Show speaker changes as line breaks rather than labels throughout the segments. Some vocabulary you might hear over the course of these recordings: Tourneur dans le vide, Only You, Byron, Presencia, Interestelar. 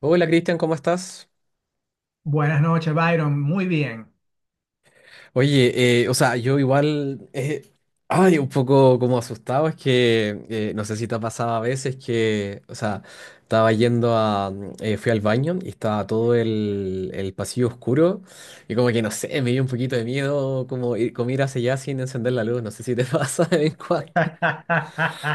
Hola Cristian, ¿cómo estás?
Buenas noches, Byron. Muy bien.
Oye, o sea, yo igual, ay, un poco como asustado, es que no sé si te ha pasado a veces que, o sea, estaba yendo a, fui al baño y estaba todo el pasillo oscuro y como que no sé, me dio un poquito de miedo como ir hacia allá sin encender la luz, no sé si te pasa de vez en cuando.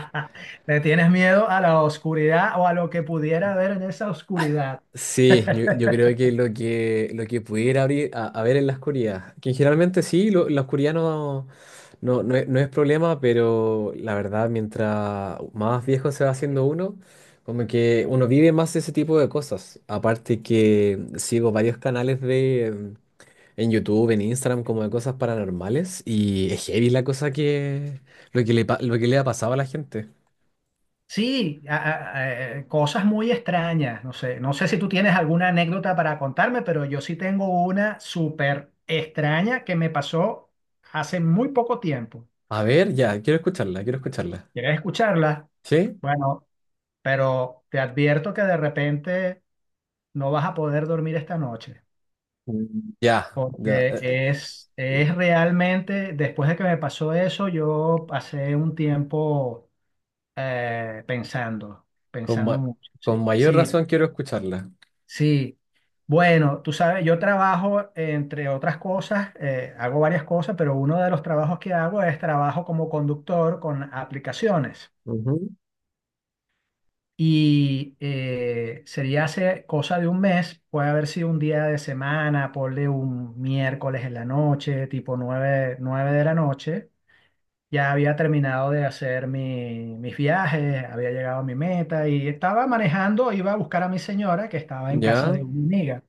¿Le tienes miedo a la oscuridad o a lo que pudiera haber en esa oscuridad?
Sí, yo creo que lo que pudiera abrir a ver en la oscuridad, que generalmente sí, la oscuridad no, no es problema, pero la verdad, mientras más viejo se va haciendo uno, como que uno vive más ese tipo de cosas. Aparte que sigo varios canales de en YouTube, en Instagram, como de cosas paranormales, y es heavy la cosa que lo que le ha pasado a la gente.
Sí, cosas muy extrañas. No sé, si tú tienes alguna anécdota para contarme, pero yo sí tengo una súper extraña que me pasó hace muy poco tiempo.
A ver, ya, quiero escucharla, quiero escucharla.
¿Quieres escucharla?
¿Sí?
Bueno, pero te advierto que de repente no vas a poder dormir esta noche.
Mm. Ya, ya.
Porque
Eh,
es realmente, después de que me pasó eso, yo pasé un tiempo pensando,
Con, ma-
mucho. Sí,
con mayor razón quiero escucharla.
sí. Bueno, tú sabes, yo trabajo, entre otras cosas, hago varias cosas, pero uno de los trabajos que hago es trabajo como conductor con aplicaciones.
Ujú.
Y sería hace cosa de un mes, puede haber sido un día de semana, ponle un miércoles en la noche, tipo nueve de la noche. Ya había terminado de hacer mis viajes, había llegado a mi meta y estaba manejando, iba a buscar a mi señora que estaba en casa
Ya,
de una amiga.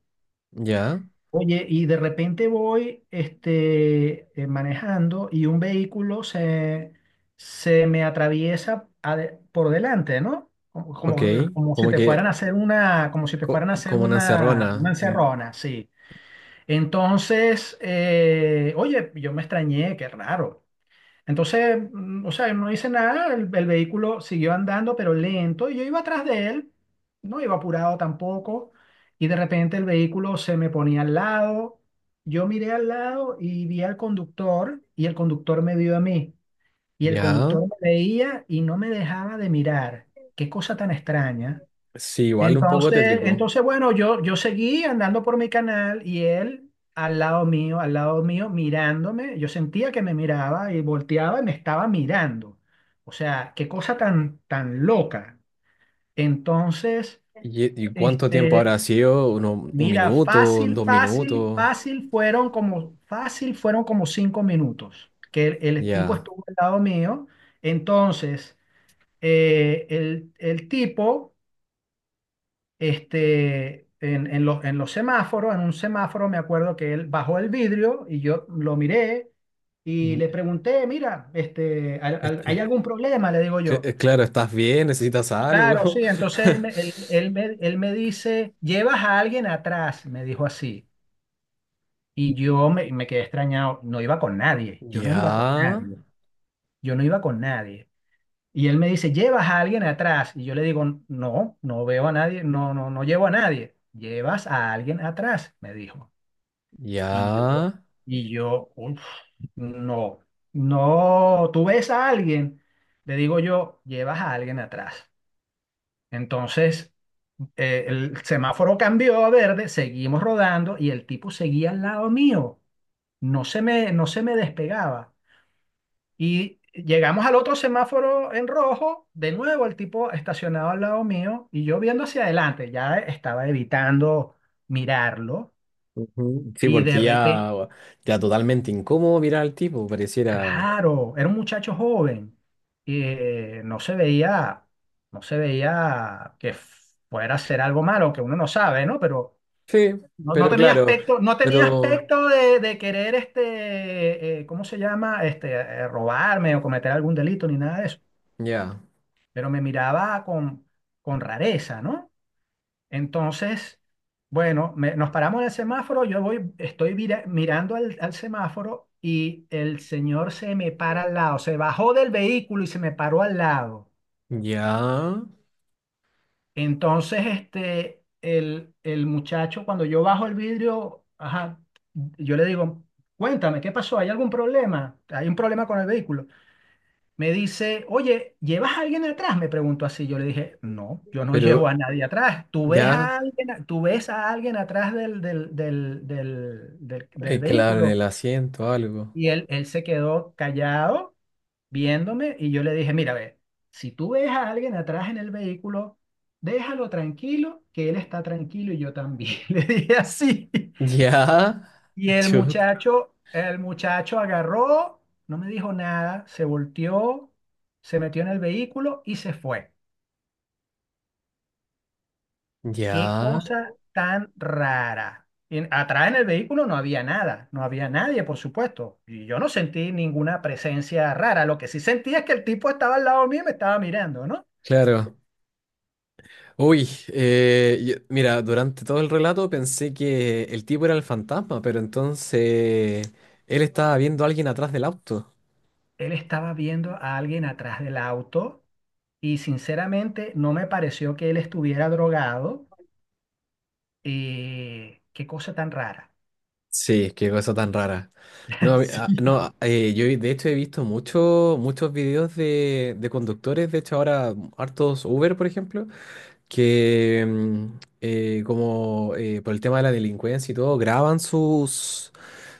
ya,
Oye, y de repente voy manejando y se me atraviesa por delante, ¿no?
ok.
Como si
Como
te fueran a
que,
hacer como si te fueran a hacer
como una
una
encerrona.
encerrona, sí. Entonces, oye, yo me extrañé, qué raro. Entonces, o sea, yo no hice nada, el vehículo siguió andando, pero lento, y yo iba atrás de él, no iba apurado tampoco, y de repente el vehículo se me ponía al lado, yo miré al lado y vi al conductor, y el conductor me vio a mí, y el
Ya,
conductor me veía y no me dejaba de mirar. Qué cosa tan extraña.
sí, igual un poco
Entonces,
tétrico.
bueno, yo seguí andando por mi canal y él al lado mío, mirándome. Yo sentía que me miraba y volteaba y me estaba mirando. O sea, qué cosa tan, tan loca. Entonces,
Y cuánto tiempo
este,
habrá sido? ¿Uno- un
mira,
minuto? ¿Dos minutos?
fácil fueron fácil fueron como 5 minutos que el tipo
Ya.
estuvo al lado mío. Entonces, el tipo en en los semáforos, en un semáforo me acuerdo que él bajó el vidrio y yo lo miré y
Mm,
le pregunté, mira, este, ¿hay,
est- eh,
hay algún problema? Le digo yo.
claro, ¿estás bien? ¿Necesitas
Claro,
algo?
sí, entonces él me dice, llevas a alguien atrás, me dijo así. Y me quedé extrañado, no iba con nadie,
Ya,
yo no iba con nadie. Y él me dice, ¿llevas a alguien atrás? Y yo le digo, no, no veo a nadie, no llevo a nadie. Llevas a alguien atrás, me dijo. Y yo,
ya.
"Uf, no, no, tú ves a alguien. Le digo yo, llevas a alguien atrás. Entonces, el semáforo cambió a verde, seguimos rodando y el tipo seguía al lado mío. No se me despegaba. Y llegamos al otro semáforo en rojo, de nuevo el tipo estacionado al lado mío y yo viendo hacia adelante, ya estaba evitando mirarlo
Ujú. Sí,
y de
porque
repente,
ya, ya totalmente incómodo mirar al tipo, pareciera.
claro, era un muchacho joven, no se veía, no se veía que fuera a hacer algo malo, que uno no sabe, ¿no? Pero
Sí,
no, no
pero
tenía
claro,
aspecto, no tenía
pero
aspecto de querer, este, ¿cómo se llama? Este, robarme o cometer algún delito ni nada de eso.
ya,
Pero me miraba con rareza, ¿no? Entonces, bueno, nos paramos en el semáforo, yo voy, estoy mirando al semáforo y el señor se me para al lado, se bajó del vehículo y se me paró al lado.
ya,
Entonces, el muchacho, cuando yo bajo el vidrio, ajá, yo le digo, cuéntame, ¿qué pasó? ¿Hay algún problema? ¿Hay un problema con el vehículo? Me dice, oye, ¿llevas a alguien atrás? Me preguntó así. Yo le dije, no, yo no llevo a
pero
nadie atrás. ¿Tú ves
ya,
a alguien, tú ves a alguien atrás del
claro, en
vehículo?
el asiento algo.
Y él se quedó callado viéndome y yo le dije, mira, ve, si tú ves a alguien atrás en el vehículo, déjalo tranquilo, que él está tranquilo y yo también. Le dije así.
Ya,
Y
chut,
el muchacho agarró, no me dijo nada, se volteó, se metió en el vehículo y se fue.
ya,
Qué cosa tan rara. Atrás en el vehículo no había nada, no había nadie, por supuesto. Y yo no sentí ninguna presencia rara. Lo que sí sentí es que el tipo estaba al lado mío y me estaba mirando, ¿no?
claro. Uy, mira, durante todo el relato pensé que el tipo era el fantasma, pero entonces él estaba viendo a alguien atrás del auto.
Él estaba viendo a alguien atrás del auto y sinceramente no me pareció que él estuviera drogado. Qué cosa tan rara.
Sí, qué cosa tan rara. No,
Sí.
yo de hecho he visto muchos videos de conductores, de hecho ahora hartos Uber, por ejemplo, que como por el tema de la delincuencia y todo, graban sus,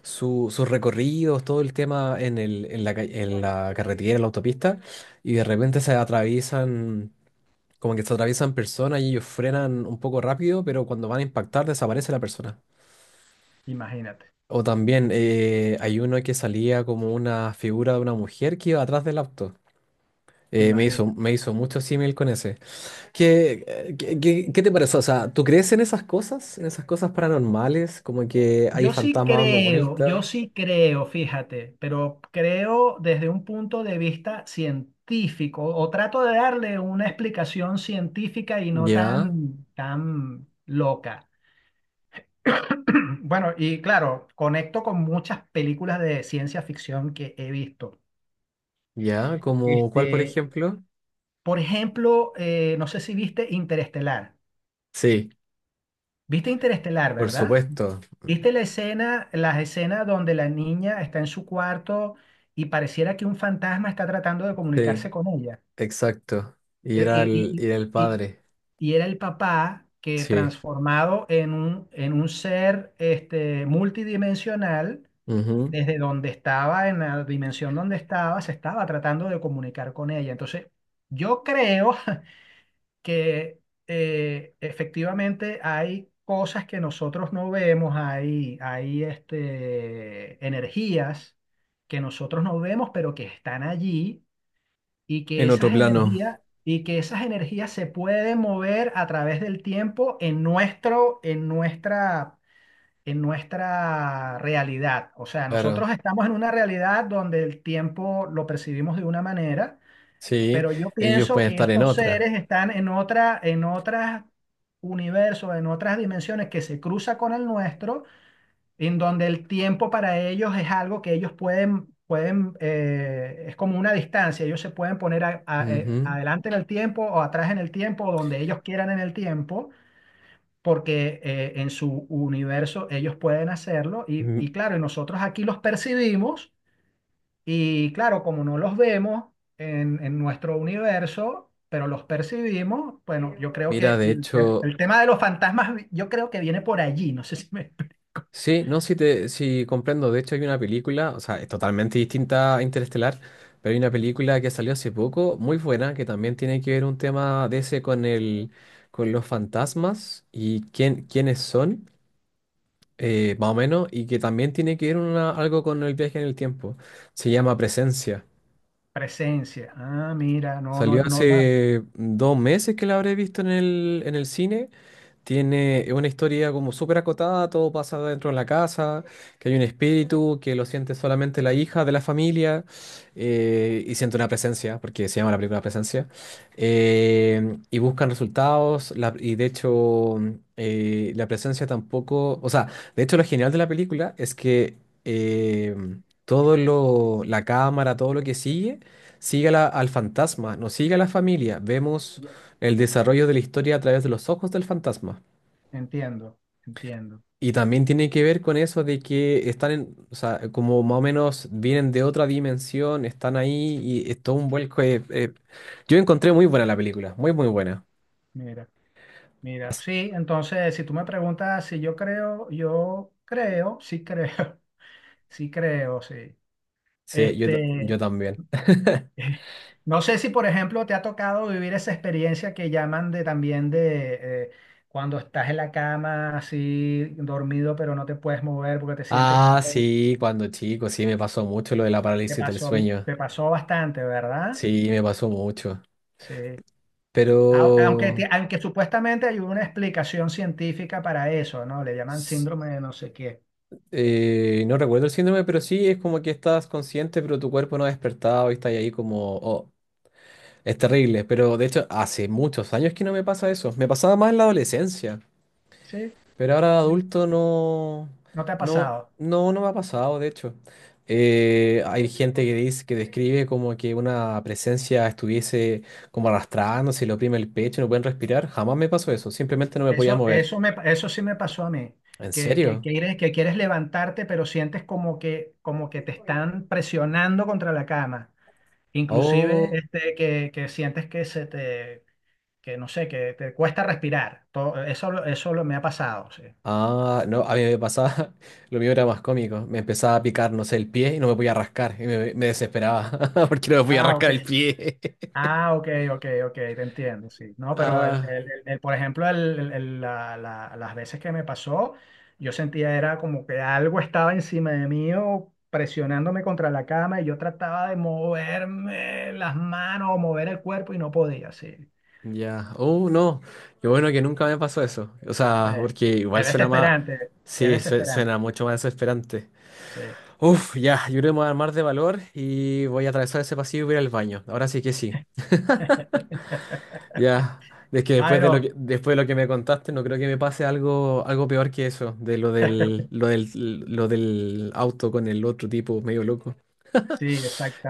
sus recorridos, todo el tema en el, en la, en la carretera, en la autopista, y de repente se atraviesan, como que se atraviesan personas y ellos frenan un poco rápido, pero cuando van a impactar desaparece la persona.
Imagínate,
O también hay uno que salía como una figura de una mujer que iba atrás del auto.
imagínate.
Me hizo mucho símil con ese. ¿Qué, qué te parece? O sea, ¿tú crees en esas cosas? ¿En esas cosas paranormales? Como que hay fantasmas dando vueltas.
Yo sí creo, fíjate, pero creo desde un punto de vista científico o trato de darle una explicación científica y no
Ya,
tan, tan loca. Bueno, y claro, conecto con muchas películas de ciencia ficción que he visto.
ya, como cuál, por
Este,
ejemplo.
por ejemplo, no sé si viste Interestelar.
Sí,
¿Viste Interestelar,
por
verdad?
supuesto.
¿Viste las escenas donde la niña está en su cuarto y pareciera que un fantasma está tratando de
Sí,
comunicarse con ella?
exacto. Y
Y,
era el
y- y-
padre.
y era el papá que
Sí.
transformado en un ser este, multidimensional,
Ujú.
desde donde estaba, en la dimensión donde estaba, se estaba tratando de comunicar con ella. Entonces, yo creo que efectivamente hay cosas que nosotros no vemos, hay este, energías que nosotros no vemos, pero que están allí y
En otro plano.
que esas energías se pueden mover a través del tiempo en en nuestra realidad. O sea,
Claro.
nosotros estamos en una realidad donde el tiempo lo percibimos de una manera
Sí,
pero yo
ellos
pienso
pueden
que
estar en
estos
otra.
seres están en otra, en otras universos, en otras dimensiones que se cruza con el nuestro, en donde el tiempo para ellos es algo que ellos pueden, es como una distancia, ellos se pueden poner
Ujú.
adelante en el tiempo o atrás en el tiempo, o donde ellos quieran en el tiempo, porque en su universo ellos pueden hacerlo
Mm,
y claro, y nosotros aquí los percibimos y claro, como no los vemos en nuestro universo, pero los percibimos, bueno, yo creo
mira,
que
de hecho,
el tema de los fantasmas, yo creo que viene por allí, no sé si me...
sí, no, sí, sí comprendo. De hecho, hay una película, o sea, es totalmente distinta a Interestelar, pero hay una película que salió hace poco, muy buena, que también tiene que ver un tema de ese con el, con los fantasmas y quién, quiénes son, más o menos, y que también tiene que ver algo con el viaje en el tiempo. Se llama Presencia.
Presencia. Ah, mira, no, no,
Salió
no, nada.
hace 2 meses que la habré visto en el cine. Tiene una historia como súper acotada, todo pasa dentro de la casa, que hay un espíritu, que lo siente solamente la hija de la familia y siente una presencia, porque se llama la primera Presencia, y buscan resultados y de hecho la presencia tampoco, o sea, de hecho lo genial de la película es que eh, todo lo, la cámara, todo lo que sigue, sigue a al fantasma, no sigue a la familia, vemos
Ya,
el desarrollo de la historia a través de los ojos del fantasma.
entiendo, entiendo.
Y también tiene que ver con eso de que están en, o sea, como más o menos vienen de otra dimensión, están ahí y es todo un vuelco. Yo encontré muy buena la película, muy buena.
Mira, mira.
As-
Sí, entonces, si tú me preguntas si yo creo, yo creo, sí creo, sí creo, sí.
Sí, yo
Este,
también.
no sé si, por ejemplo, te ha tocado vivir esa experiencia que llaman de también de cuando estás en la cama así dormido, pero no te puedes mover porque te sientes
Ah,
inmóvil.
sí, cuando chico, sí, me pasó mucho lo de la parálisis del sueño.
Te pasó bastante, ¿verdad?
Sí, me pasó mucho.
Sí.
Pero
Aunque, aunque supuestamente hay una explicación científica para eso, ¿no? Le llaman
s-
síndrome de no sé qué.
no recuerdo el síndrome, pero sí es como que estás consciente, pero tu cuerpo no ha despertado y estás ahí como, oh, es terrible, pero de hecho hace muchos años que no me pasa eso. Me pasaba más en la adolescencia,
Sí.
pero ahora de
Sí.
adulto no,
¿No te ha
no,
pasado?
no, no me ha pasado, de hecho. Hay gente que dice, que describe como que una presencia estuviese como arrastrándose, le oprime el pecho, no pueden respirar. Jamás me pasó eso, simplemente no me podía mover.
Eso sí me pasó a mí,
¿En serio?
que quieres levantarte, pero sientes como que te están presionando contra la cama. Inclusive
Oh,
este, que sientes que se te, que no sé, que te cuesta respirar. Eso lo, me ha pasado, sí.
ah, no, a mí me pasaba, lo mío era más cómico. Me empezaba a picar, no sé, el pie y no me podía rascar. Me desesperaba porque no me podía
Ah, ok.
rascar el pie.
Ah, ok, te entiendo, sí. No, pero
Ah,
por ejemplo, las veces que me pasó, yo sentía era como que algo estaba encima de mí o presionándome contra la cama y yo trataba de moverme las manos o mover el cuerpo y no podía, sí.
ya. Oh, no. Qué bueno que nunca me pasó eso. O sea,
Eh,
porque igual suena más.
es
Sí,
desesperante,
suena mucho más desesperante.
sí.
Uf, ya. Yo creo que me voy a armar de valor y voy a atravesar ese pasillo y voy a ir al baño. Ahora sí que sí. Ya. Es que después de lo
Byron,
que, después de lo que me contaste, no creo que me pase algo, algo peor que eso, de lo del auto con el otro tipo medio loco.
sí,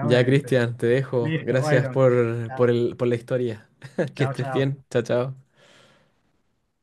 Ya,
sí.
Cristian, te dejo.
Listo,
Gracias
Byron.
por,
Chao,
por la historia. Que estés
chao.
bien. Chao, chao.